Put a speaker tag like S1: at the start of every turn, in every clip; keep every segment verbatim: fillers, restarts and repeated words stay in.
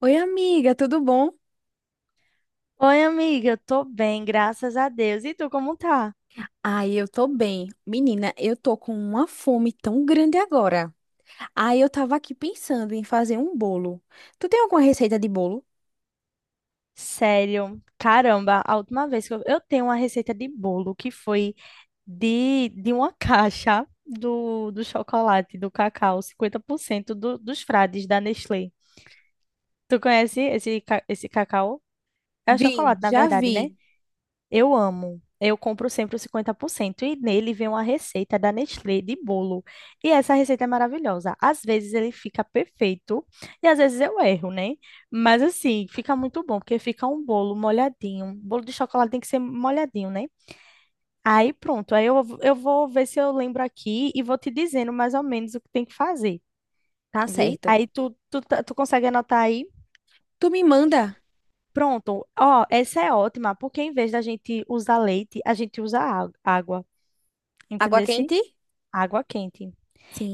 S1: Oi, amiga, tudo bom?
S2: Oi, amiga, eu tô bem, graças a Deus. E tu, como tá?
S1: Ai, eu tô bem. Menina, eu tô com uma fome tão grande agora. Ai, eu tava aqui pensando em fazer um bolo. Tu tem alguma receita de bolo?
S2: Sério, caramba, a última vez que eu, eu tenho uma receita de bolo que foi de, de uma caixa do, do chocolate, do cacau, cinquenta por cento do, dos frades da Nestlé. Tu conhece esse, ca- esse cacau? É
S1: Vi,
S2: chocolate, na
S1: já
S2: verdade, né?
S1: vi.
S2: Eu amo. Eu compro sempre o cinquenta por cento e nele vem uma receita da Nestlé de bolo. E essa receita é maravilhosa. Às vezes ele fica perfeito e às vezes eu erro, né? Mas assim, fica muito bom, porque fica um bolo molhadinho. Um bolo de chocolate tem que ser molhadinho, né? Aí pronto. Aí eu, eu vou ver se eu lembro aqui e vou te dizendo mais ou menos o que tem que fazer,
S1: Tá
S2: vi?
S1: certo.
S2: Aí tu, tu, tá- tu consegue anotar aí?
S1: Tu me manda
S2: Pronto. Ó, essa é ótima, porque em vez da gente usar leite, a gente usa á- água.
S1: água
S2: Entendesse?
S1: quente?
S2: Água quente.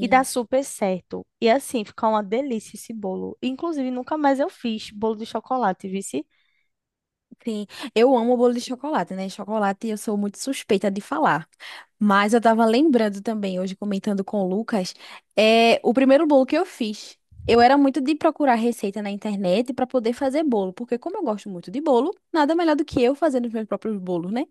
S2: E dá super certo. E assim, fica uma delícia esse bolo. Inclusive, nunca mais eu fiz bolo de chocolate, vice?
S1: Sim, eu amo bolo de chocolate, né? Chocolate eu sou muito suspeita de falar. Mas eu tava lembrando também, hoje comentando com o Lucas, é o primeiro bolo que eu fiz. Eu era muito de procurar receita na internet para poder fazer bolo, porque como eu gosto muito de bolo, nada melhor do que eu fazendo os meus próprios bolos, né?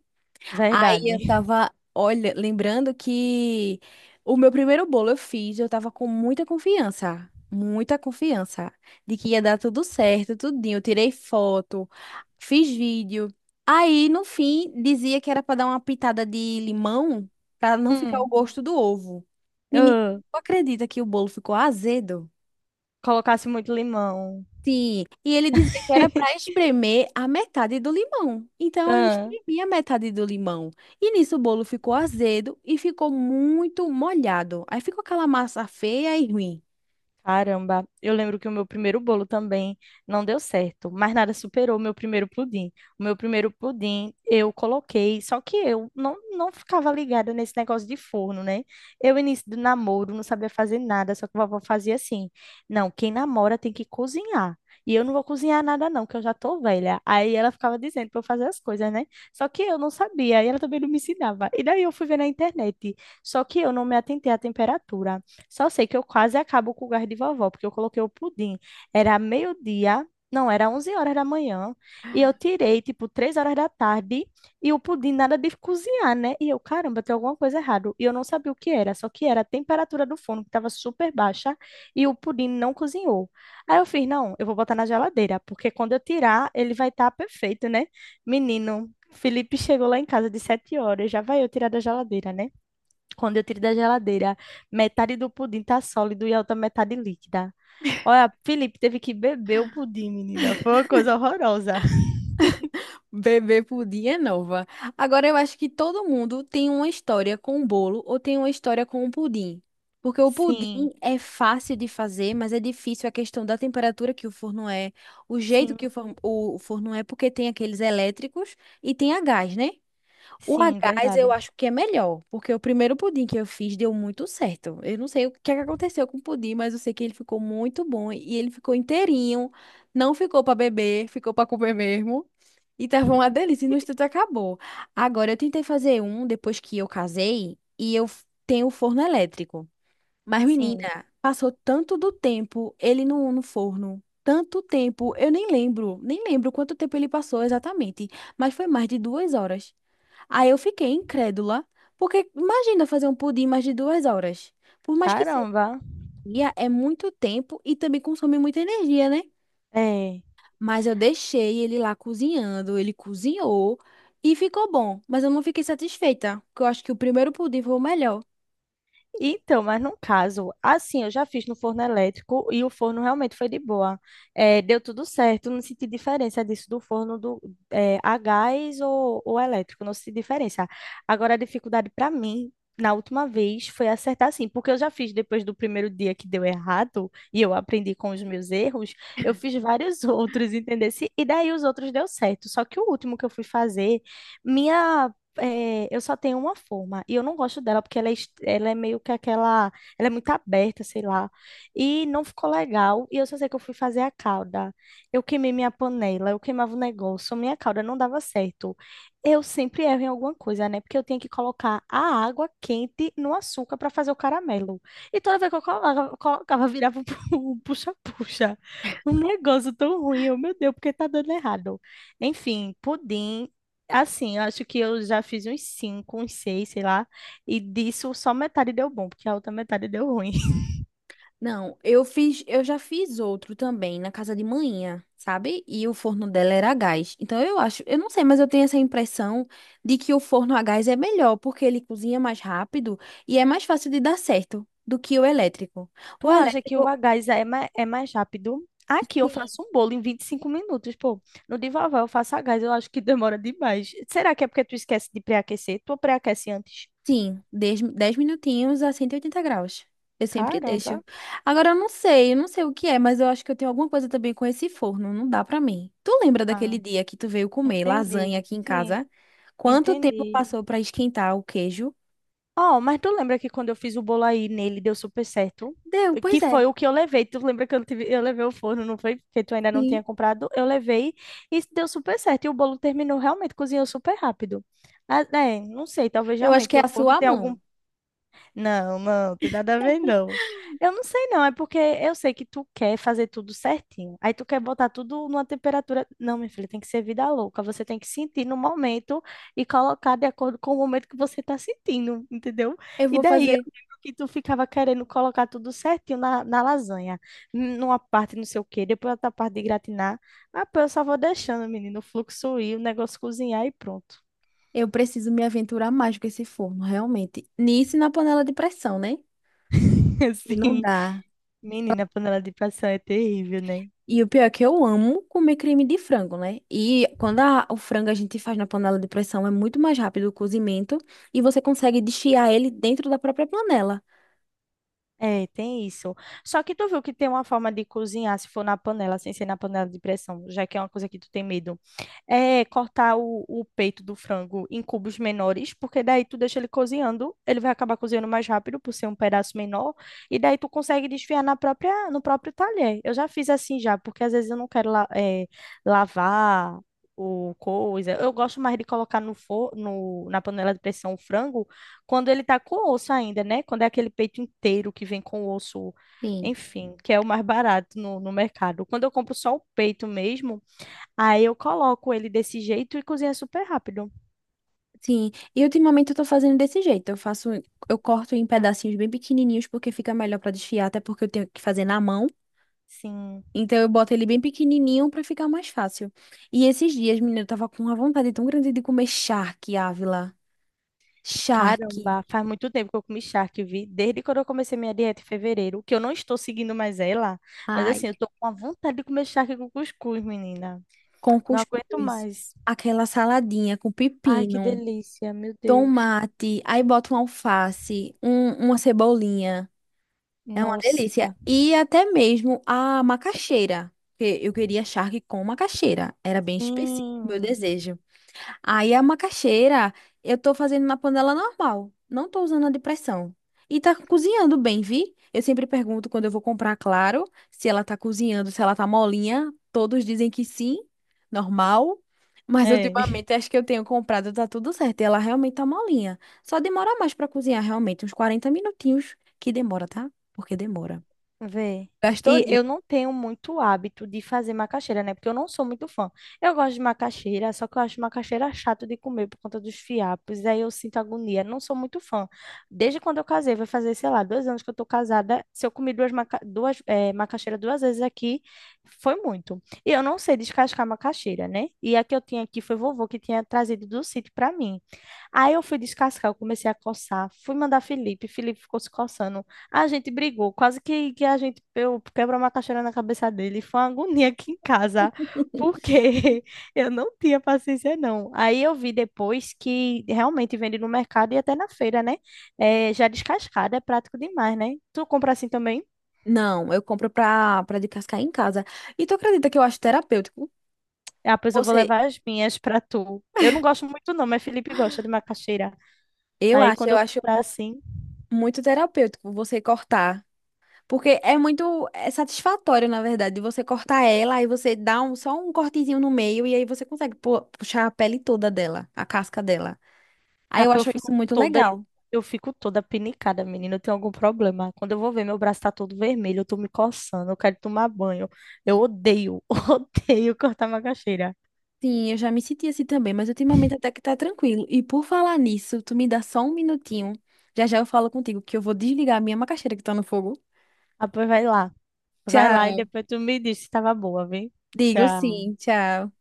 S1: Aí
S2: Verdade.
S1: eu tava, olha, lembrando que o meu primeiro bolo eu fiz, eu tava com muita confiança, muita confiança de que ia dar tudo certo, tudinho. Eu tirei foto, fiz vídeo. Aí, no fim, dizia que era pra dar uma pitada de limão pra não ficar o
S2: Hum.
S1: gosto do ovo. Menina,
S2: ah,
S1: tu acredita que o bolo ficou azedo?
S2: colocasse muito limão.
S1: Sim, e ele dizia que era para espremer a metade do limão. Então eu
S2: Ah.
S1: espremi a metade do limão. E nisso o bolo ficou azedo e ficou muito molhado. Aí ficou aquela massa feia e ruim.
S2: Caramba, eu lembro que o meu primeiro bolo também não deu certo, mas nada superou o meu primeiro pudim. O meu primeiro pudim eu coloquei, só que eu não, não ficava ligada nesse negócio de forno, né? Eu, início do namoro, não sabia fazer nada, só que a vovó fazia assim: não, quem namora tem que cozinhar. E eu não vou cozinhar nada, não, que eu já tô velha. Aí ela ficava dizendo pra eu fazer as coisas, né? Só que eu não sabia, e ela também não me ensinava. E daí eu fui ver na internet, só que eu não me atentei à temperatura. Só sei que eu quase acabo com o gás de vovó, porque eu coloquei o pudim. Era meio-dia, não, era onze horas da manhã, e eu tirei, tipo, três horas da tarde, e o pudim nada de cozinhar, né? E eu, caramba, tem alguma coisa errada. E eu não sabia o que era, só que era a temperatura do forno, que estava super baixa, e o pudim não cozinhou. Aí eu fiz, não, eu vou botar na geladeira, porque quando eu tirar, ele vai estar perfeito, né? Menino, Felipe chegou lá em casa de sete horas, já vai eu tirar da geladeira, né? Quando eu tiro da geladeira, metade do pudim tá sólido e a outra metade líquida. Olha, Felipe teve que beber o pudim, menina. Foi uma coisa horrorosa.
S1: Bebê pudim é nova. Agora eu acho que todo mundo tem uma história com o bolo ou tem uma história com o pudim. Porque o
S2: Sim,
S1: pudim é fácil de fazer, mas é difícil a questão da temperatura que o forno é, o jeito
S2: sim,
S1: que o forno, o forno é, porque tem aqueles elétricos e tem a gás, né? O a
S2: sim,
S1: gás eu
S2: verdade.
S1: acho que é melhor, porque o primeiro pudim que eu fiz deu muito certo. Eu não sei o que é que aconteceu com o pudim, mas eu sei que ele ficou muito bom e ele ficou inteirinho, não ficou para beber, ficou para comer mesmo. E tava uma delícia, e no instante acabou. Agora eu tentei fazer um depois que eu casei e eu f- tenho o forno elétrico. Mas menina,
S2: Sim.
S1: passou tanto do tempo ele no, no forno. Tanto tempo, eu nem lembro, nem lembro quanto tempo ele passou exatamente, mas foi mais de duas horas. Aí eu fiquei incrédula, porque imagina fazer um pudim mais de duas horas. Por mais que seja
S2: Caramba.
S1: dia, é muito tempo e também consome muita energia, né?
S2: É.
S1: Mas eu deixei ele lá cozinhando, ele cozinhou e ficou bom. Mas eu não fiquei satisfeita, porque eu acho que o primeiro pudim foi o melhor.
S2: Então, mas num caso, assim, eu já fiz no forno elétrico e o forno realmente foi de boa. É, deu tudo certo, não senti diferença disso do forno do, é, a gás ou, ou elétrico, não senti diferença. Agora, a dificuldade para mim, na última vez, foi acertar assim, porque eu já fiz depois do primeiro dia que deu errado e eu aprendi com os meus erros, eu fiz vários outros, entendeu? E daí os outros deu certo, só que o último que eu fui fazer, minha é, eu só tenho uma forma e eu não gosto dela porque ela é, est- ela é meio que aquela, ela é muito aberta, sei lá, e não ficou legal. E eu só sei que eu fui fazer a calda, eu queimei minha panela, eu queimava o negócio, minha calda não dava certo. Eu sempre erro em alguma coisa, né? Porque eu tinha que colocar a água quente no açúcar para fazer o caramelo. E toda vez que eu colocava, colocava virava um puxa-puxa. Um negócio tão ruim, eu, meu Deus, porque tá dando errado. Enfim, pudim. Assim, eu acho que eu já fiz uns cinco, uns seis, sei lá, e disso só metade deu bom, porque a outra metade deu ruim.
S1: Não, eu fiz, eu já fiz outro também na casa de manhã, sabe? E o forno dela era a gás. Então eu acho, eu não sei, mas eu tenho essa impressão de que o forno a gás é melhor, porque ele cozinha mais rápido e é mais fácil de dar certo do que o elétrico. O
S2: Tu acha que o
S1: elétrico,
S2: gás é mais, é mais rápido? Aqui eu
S1: sim.
S2: faço um bolo em vinte e cinco minutos, pô. No de vovó eu faço a gás, eu acho que demora demais. Será que é porque tu esquece de pré-aquecer? Tu pré-aquece antes?
S1: Sim, dez dez minutinhos a cento e oitenta graus. Eu sempre deixo.
S2: Caramba.
S1: Agora eu não sei, eu não sei o que é, mas eu acho que eu tenho alguma coisa também com esse forno, não dá pra mim. Tu lembra
S2: Ah,
S1: daquele dia que tu veio comer lasanha
S2: entendi.
S1: aqui em
S2: Sim,
S1: casa? Quanto tempo
S2: entendi.
S1: passou pra esquentar o queijo?
S2: Ó, mas tu lembra que quando eu fiz o bolo aí nele deu super certo?
S1: Deu,
S2: Que
S1: pois
S2: foi
S1: é.
S2: o que eu levei. Tu lembra que eu, tive- eu levei o forno, não foi? Porque tu ainda não
S1: Sim.
S2: tinha comprado. Eu levei e deu super certo. E o bolo terminou realmente, cozinhou super rápido. Ah, é, não sei, talvez
S1: Eu acho que
S2: realmente
S1: é
S2: o
S1: a
S2: forno
S1: sua
S2: tenha algum
S1: mão.
S2: não, não, tem nada a ver, não. Eu não sei, não. É porque eu sei que tu quer fazer tudo certinho. Aí tu quer botar tudo numa temperatura. Não, minha filha, tem que ser vida louca. Você tem que sentir no momento e colocar de acordo com o momento que você tá sentindo, entendeu?
S1: Eu
S2: E
S1: vou
S2: daí eu
S1: fazer.
S2: lembro que tu ficava querendo colocar tudo certinho na, na lasanha. N- Numa parte não sei o quê, depois outra parte de gratinar. Ah, pô, eu só vou deixando, menino, o fluxo ir, o negócio cozinhar e pronto.
S1: Eu preciso me aventurar mais com esse forno, realmente. Nisso e na panela de pressão, né? E não
S2: Assim,
S1: dá.
S2: menina, a panela de pressão é terrível, né?
S1: E o pior é que eu amo comer creme de frango, né? E quando a- o frango a gente faz na panela de pressão, é muito mais rápido o cozimento e você consegue desfiar ele dentro da própria panela.
S2: É, tem isso. Só que tu viu que tem uma forma de cozinhar, se for na panela, sem ser na panela de pressão, já que é uma coisa que tu tem medo. É cortar o, o peito do frango em cubos menores, porque daí tu deixa ele cozinhando, ele vai acabar cozinhando mais rápido por ser um pedaço menor, e daí tu consegue desfiar na própria, no próprio talher. Eu já fiz assim já, porque às vezes eu não quero la- é, lavar o coisa. Eu gosto mais de colocar no, for, no na panela de pressão o frango quando ele tá com o osso ainda, né? Quando é aquele peito inteiro que vem com o osso,
S1: Sim.
S2: enfim, que é o mais barato no, no mercado. Quando eu compro só o peito mesmo, aí eu coloco ele desse jeito e cozinha super rápido.
S1: Sim, e ultimamente eu tô fazendo desse jeito. Eu faço, eu corto em pedacinhos bem pequenininhos porque fica melhor pra desfiar, até porque eu tenho que fazer na mão.
S2: Sim.
S1: Então eu boto ele bem pequenininho pra ficar mais fácil. E esses dias, menina, eu tava com uma vontade tão grande de comer charque, Ávila. Charque.
S2: Caramba, faz muito tempo que eu comi charque, vi. Desde quando eu comecei minha dieta em fevereiro, que eu não estou seguindo mais ela, mas
S1: Ai,
S2: assim, eu tô com a vontade de comer charque com cuscuz, menina.
S1: com
S2: Não aguento
S1: cuscuz,
S2: mais.
S1: aquela saladinha com
S2: Ai, que
S1: pepino,
S2: delícia, meu Deus.
S1: tomate, aí bota um alface, um- uma cebolinha. É uma delícia.
S2: Nossa.
S1: E até mesmo a macaxeira, porque eu queria charque com macaxeira. Era bem específico o meu
S2: Sim.
S1: desejo. Aí a macaxeira eu tô fazendo na panela normal, não tô usando a de pressão. E tá cozinhando bem, vi? Eu sempre pergunto quando eu vou comprar, claro, se ela tá cozinhando, se ela tá molinha. Todos dizem que sim, normal. Mas
S2: É.
S1: ultimamente acho que eu tenho comprado, tá tudo certo. E ela realmente tá molinha. Só demora mais pra cozinhar, realmente, uns quarenta minutinhos que demora, tá? Porque demora.
S2: Vê. E
S1: Gastodinho.
S2: eu não tenho muito hábito de fazer macaxeira, né? Porque eu não sou muito fã. Eu gosto de macaxeira, só que eu acho macaxeira chato de comer por conta dos fiapos. Aí eu sinto agonia. Não sou muito fã. Desde quando eu casei, vai fazer, sei lá, dois anos que eu tô casada. Se eu comi duas, maca duas eh, macaxeira duas vezes aqui, foi muito. E eu não sei descascar macaxeira, né? E a que eu tinha aqui foi vovô que tinha trazido do sítio pra mim. Aí eu fui descascar, eu comecei a coçar. Fui mandar Felipe. Felipe ficou se coçando. A gente brigou, quase que, que a gente eu quebrou uma caixeira na cabeça dele. Foi uma agonia aqui em casa, porque eu não tinha paciência, não. Aí eu vi depois que realmente vende no mercado e até na feira, né? É, já descascada, é prático demais, né? Tu compra assim também?
S1: Não, eu compro pra, pra descascar em casa. E tu acredita que eu acho terapêutico?
S2: Ah, pois eu vou
S1: Você
S2: levar as minhas pra tu. Eu não gosto muito, não, mas Felipe gosta de macaxeira.
S1: eu
S2: Aí
S1: acho,
S2: quando
S1: eu
S2: eu
S1: acho
S2: comprar assim.
S1: muito terapêutico você cortar. Porque é muito é satisfatório, na verdade, você cortar ela, aí você dá um, só um cortezinho no meio e aí você consegue pu- puxar a pele toda dela, a casca dela. Aí
S2: Ah,
S1: eu
S2: pô, eu
S1: acho isso
S2: fico
S1: muito
S2: toda,
S1: legal.
S2: eu fico toda pinicada, menina. Eu tenho algum problema. Quando eu vou ver, meu braço tá todo vermelho, eu tô me coçando, eu quero tomar banho. Eu odeio, odeio cortar macaxeira.
S1: Sim, eu já me senti assim também, mas ultimamente até que tá tranquilo. E por falar nisso, tu me dá só um minutinho. Já já eu falo contigo que eu vou desligar a minha macaxeira que tá no fogo.
S2: Ah, pois vai lá. Vai lá e
S1: Tchau.
S2: depois tu me diz se tava boa, viu?
S1: Digo
S2: Tchau.
S1: sim, tchau.